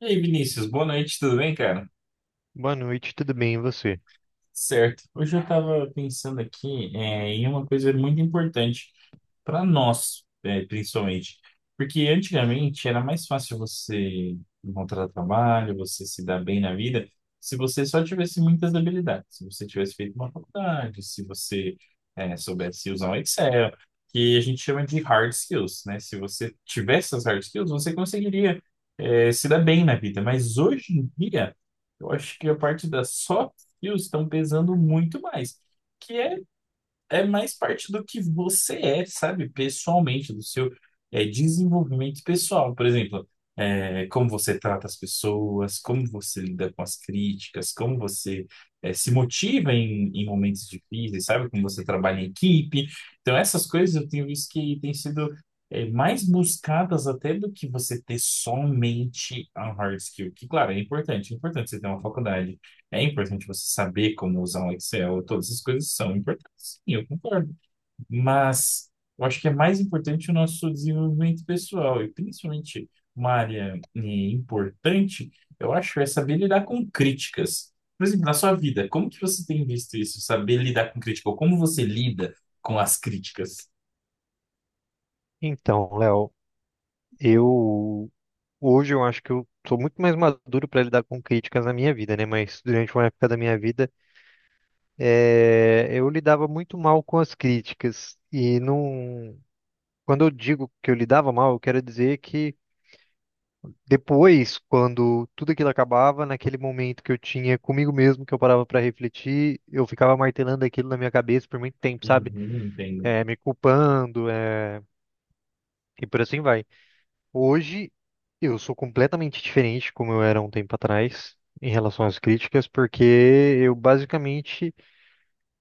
E aí, Vinícius, boa noite, tudo bem, cara? Boa noite, tudo bem, e você? Certo. Hoje eu estava pensando aqui em uma coisa muito importante para nós, principalmente. Porque antigamente era mais fácil você encontrar trabalho, você se dar bem na vida, se você só tivesse muitas habilidades. Se você tivesse feito uma faculdade, se você soubesse usar um Excel, que a gente chama de hard skills, né? Se você tivesse essas hard skills, você conseguiria se dar bem na vida. Mas hoje em dia, eu acho que a parte das soft frios estão pesando muito mais. Que é, é mais parte do que você é, sabe? Pessoalmente, do seu desenvolvimento pessoal. Por exemplo, como você trata as pessoas, como você lida com as críticas, como você se motiva em momentos difíceis, sabe? Como você trabalha em equipe. Então, essas coisas eu tenho visto que têm sido mais buscadas até do que você ter somente a hard skill, que, claro, é importante. É importante você ter uma faculdade, é importante você saber como usar um Excel, todas essas coisas são importantes. Sim, eu concordo. Mas eu acho que é mais importante o nosso desenvolvimento pessoal, e principalmente uma área importante, eu acho, é saber lidar com críticas. Por exemplo, na sua vida, como que você tem visto isso? Saber lidar com crítica, ou como você lida com as críticas? Então, Léo, eu hoje eu acho que eu sou muito mais maduro para lidar com críticas na minha vida, né? Mas durante uma época da minha vida, eu lidava muito mal com as críticas e não. Quando eu digo que eu lidava mal, eu quero dizer que depois, quando tudo aquilo acabava, naquele momento que eu tinha comigo mesmo, que eu parava para refletir, eu ficava martelando aquilo na minha cabeça por muito tempo, sabe? Uhum, entendo. Me culpando, e por assim vai. Hoje eu sou completamente diferente como eu era um tempo atrás em relação às críticas, porque eu basicamente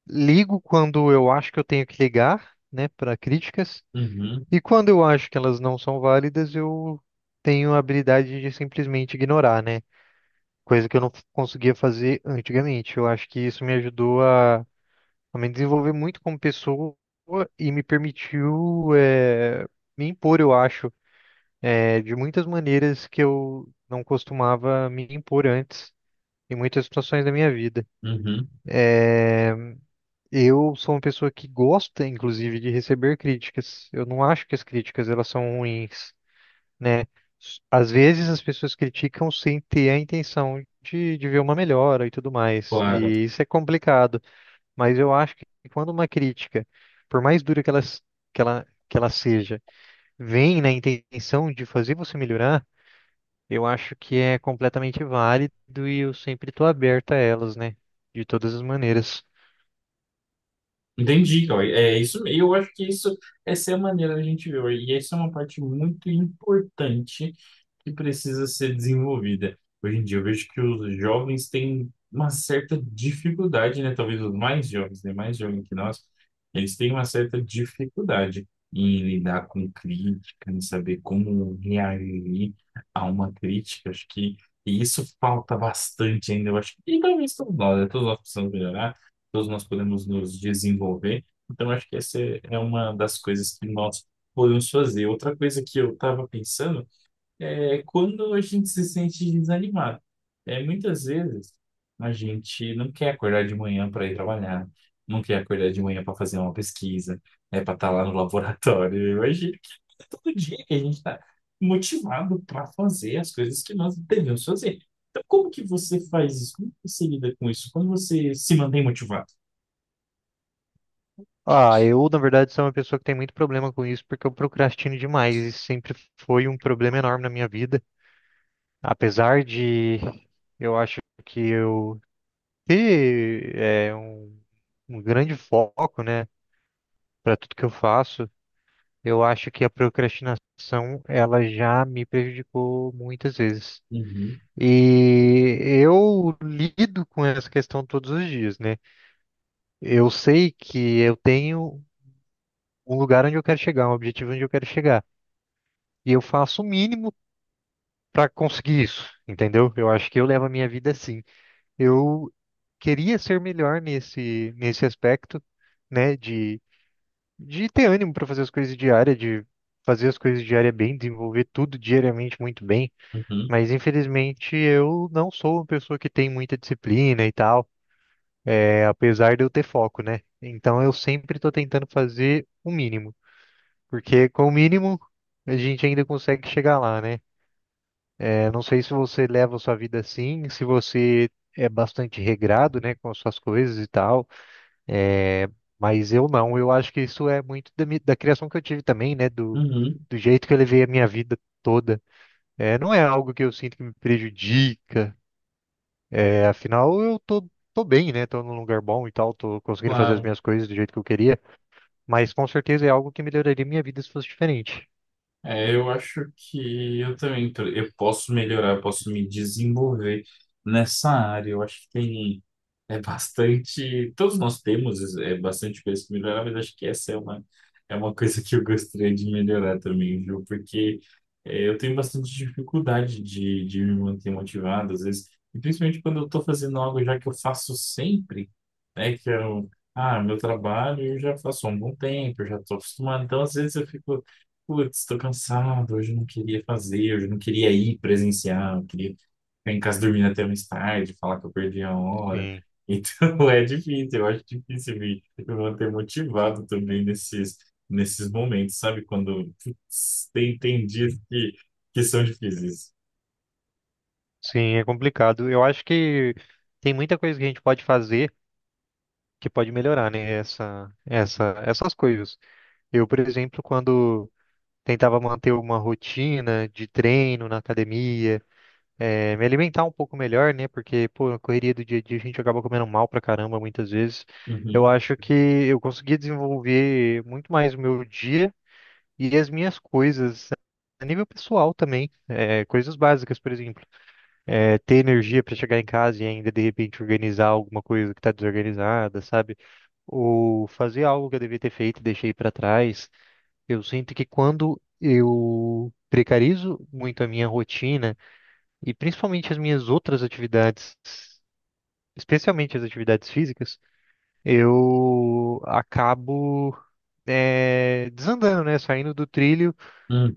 ligo quando eu acho que eu tenho que ligar, né, para críticas, Uhum, e quando eu acho que elas não são válidas, eu tenho a habilidade de simplesmente ignorar, né? Coisa que eu não f- conseguia fazer antigamente. Eu acho que isso me ajudou a me desenvolver muito como pessoa e me permitiu, me impor, eu acho é, de muitas maneiras que eu não costumava me impor antes, em muitas situações da minha vida. uhum, É, eu sou uma pessoa que gosta, inclusive, de receber críticas. Eu não acho que as críticas elas são ruins, né? Às vezes as pessoas criticam sem ter a intenção de ver uma melhora e tudo mais, claro. e isso é complicado. Mas eu acho que quando uma crítica, por mais dura que ela seja, vem na intenção de fazer você melhorar, eu acho que é completamente válido e eu sempre estou aberto a elas, né? De todas as maneiras. Entendi, Cauê. É isso, e eu acho que isso, essa é a maneira da gente ver, e essa é uma parte muito importante que precisa ser desenvolvida. Hoje em dia eu vejo que os jovens têm uma certa dificuldade, né? Talvez os mais jovens, né? Mais jovens que nós, eles têm uma certa dificuldade em lidar com crítica, em saber como reagir a uma crítica. Acho que isso falta bastante ainda, eu acho. E talvez todos nós, né? Todos nós precisamos melhorar, todos nós podemos nos desenvolver. Então, acho que essa é uma das coisas que nós podemos fazer. Outra coisa que eu estava pensando é quando a gente se sente desanimado. É, muitas vezes a gente não quer acordar de manhã para ir trabalhar, não quer acordar de manhã para fazer uma pesquisa, né, para estar lá no laboratório. Eu acho que é todo dia que a gente está motivado para fazer as coisas que nós devemos fazer. Então, como que você faz isso? Como que você lida com isso? Como você se mantém motivado? Ah, eu, na verdade, sou uma pessoa que tem muito problema com isso porque eu procrastino demais. Isso sempre foi um problema enorme na minha vida. Apesar de eu acho que eu ter é, um grande foco, né, para tudo que eu faço, eu acho que a procrastinação, ela já me prejudicou muitas vezes. Uhum, E eu lido com essa questão todos os dias, né? Eu sei que eu tenho um lugar onde eu quero chegar, um objetivo onde eu quero chegar. E eu faço o mínimo para conseguir isso, entendeu? Eu acho que eu levo a minha vida assim. Eu queria ser melhor nesse aspecto, né? De ter ânimo para fazer as coisas diárias, de fazer as coisas diárias bem, desenvolver tudo diariamente muito bem. uhum, Mas infelizmente eu não sou uma pessoa que tem muita disciplina e tal. É, apesar de eu ter foco, né? Então eu sempre estou tentando fazer o mínimo, porque com o mínimo a gente ainda consegue chegar lá, né? É, não sei se você leva a sua vida assim, se você é bastante regrado, né, com as suas coisas e tal, é, mas eu não, eu acho que isso é muito da criação que eu tive também, né, uhum, do jeito que eu levei a minha vida toda. É, não é algo que eu sinto que me prejudica, é, afinal tô bem, né, tô num lugar bom e tal, tô conseguindo fazer as claro. minhas coisas do jeito que eu queria. Mas com certeza é algo que melhoraria minha vida se fosse diferente. É, eu acho que eu também eu posso melhorar, posso me desenvolver nessa área. Eu acho que tem bastante, todos nós temos bastante coisa que melhorar, mas acho que essa é uma uma coisa que eu gostaria de melhorar também, viu? Porque eu tenho bastante dificuldade de me manter motivado às vezes, e principalmente quando eu estou fazendo algo já que eu faço sempre, né? Que é o ah, meu trabalho eu já faço há um bom tempo, eu já estou acostumado. Então, às vezes eu fico: putz, tô cansado, hoje eu não queria fazer, hoje eu não queria ir presencial, eu queria ficar em casa dormindo até mais tarde, falar que eu perdi a hora. Sim, Então, é difícil, eu acho difícil me manter motivado também nesses, nesses momentos, sabe? Quando putz, tem dias que são difíceis. sim, é complicado. Eu acho que tem muita coisa que a gente pode fazer que pode melhorar, né? Essas coisas. Eu, por exemplo, quando tentava manter uma rotina de treino na academia, me alimentar um pouco melhor, né? Porque, pô, a correria do dia a dia a gente acaba comendo mal pra caramba muitas vezes. Eu Uhum, acho que eu consegui desenvolver muito mais o meu dia e as minhas coisas a nível pessoal também, é, coisas básicas, por exemplo, é, ter energia para chegar em casa e ainda de repente organizar alguma coisa que está desorganizada, sabe? Ou fazer algo que eu devia ter feito e deixei para trás. Eu sinto que quando eu precarizo muito a minha rotina e principalmente as minhas outras atividades, especialmente as atividades físicas, eu acabo é, desandando, né? Saindo do trilho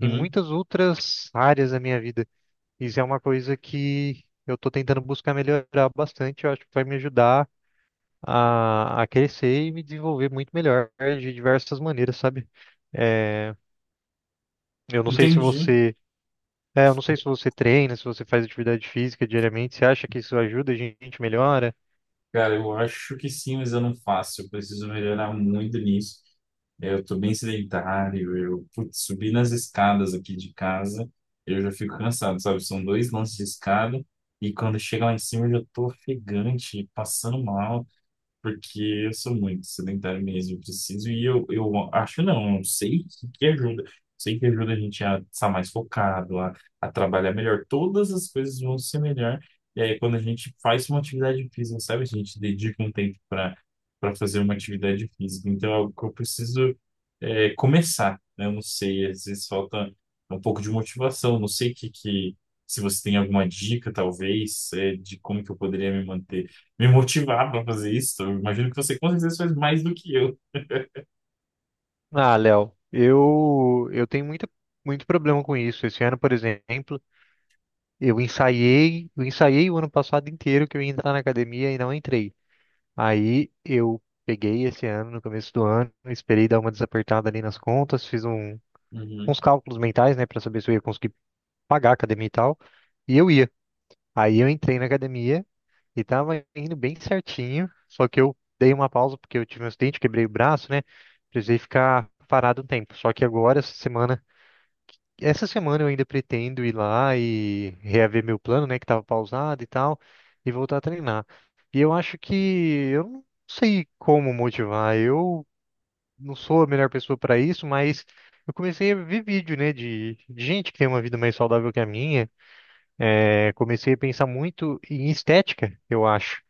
em muitas outras áreas da minha vida. Isso é uma coisa que eu estou tentando buscar melhorar bastante. Eu acho que vai me ajudar a crescer e me desenvolver muito melhor de diversas maneiras, sabe? É, eu não sei se entendi. você, é, eu não sei se você treina, se você faz atividade física diariamente. Você acha que isso ajuda, a gente melhora? Cara, eu acho que sim, mas eu não faço. Eu preciso melhorar muito nisso. Eu tô bem sedentário. Eu, putz, subir nas escadas aqui de casa, eu já fico cansado, sabe? São dois lances de escada e quando chega lá em cima eu já tô ofegante, passando mal. Porque eu sou muito sedentário mesmo, eu preciso, eu acho não, eu sei que ajuda. Sei que ajuda a gente a estar mais focado, a trabalhar melhor. Todas as coisas vão ser melhor. E aí, quando a gente faz uma atividade física, sabe? A gente dedica um tempo para, para fazer uma atividade física. Então, é algo que eu preciso começar, né? Eu não sei, às vezes falta um pouco de motivação. Não sei que, se você tem alguma dica, talvez, é, de como que eu poderia me motivar para fazer isso. Eu imagino que você com certeza faz mais do que eu. Ah, Léo, eu tenho muita muito problema com isso. Esse ano, por exemplo, eu ensaiei o ano passado inteiro que eu ia entrar na academia e não entrei. Aí eu peguei esse ano, no começo do ano, esperei dar uma desapertada ali nas contas, Uhum, uns cálculos mentais, né, para saber se eu ia conseguir pagar a academia e tal. E eu ia. Aí eu entrei na academia e tava indo bem certinho, só que eu dei uma pausa porque eu tive um acidente, quebrei o braço, né? Precisei ficar parado um tempo. Só que agora, essa semana. Essa semana eu ainda pretendo ir lá e reaver meu plano, né, que estava pausado e tal, e voltar a treinar. E eu acho que eu não sei como motivar. Eu não sou a melhor pessoa para isso, mas eu comecei a ver vídeo, né, de gente que tem uma vida mais saudável que a minha. É, comecei a pensar muito em estética, eu acho.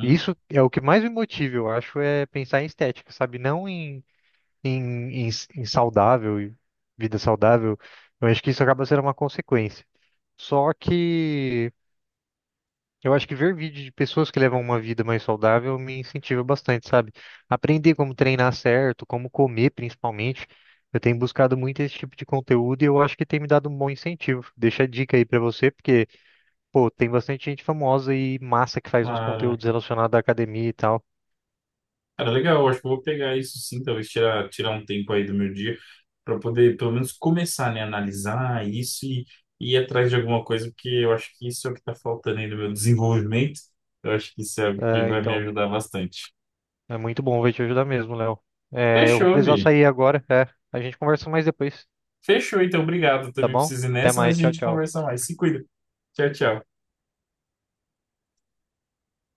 E isso é o que mais me motiva, eu acho, é pensar em estética, sabe? Não em, em, em, em saudável, vida saudável. Eu acho que isso acaba sendo uma consequência. Só que eu acho que ver vídeo de pessoas que levam uma vida mais saudável me incentiva bastante, sabe? Aprender como treinar certo, como comer principalmente. Eu tenho buscado muito esse tipo de conteúdo e eu acho que tem me dado um bom incentivo. Deixa a dica aí pra você, porque, pô, tem bastante gente famosa e massa que faz uns claro. conteúdos relacionados à academia e tal. Cara, legal, eu acho que eu vou pegar isso sim, talvez tirar, tirar um tempo aí do meu dia para poder pelo menos começar, né, a analisar isso e ir atrás de alguma coisa, porque eu acho que isso é o que está faltando aí no meu desenvolvimento. Eu acho que isso é algo que É, vai me então, ajudar bastante. é muito bom, vai te ajudar mesmo, Léo. É, eu vou Fechou, precisar Vi. sair agora, é. A gente conversa mais depois, Fechou, então, obrigado. tá Também bom? preciso ir Até nessa, mas mais, a tchau, gente tchau. conversa mais. Se cuida. Tchau, tchau.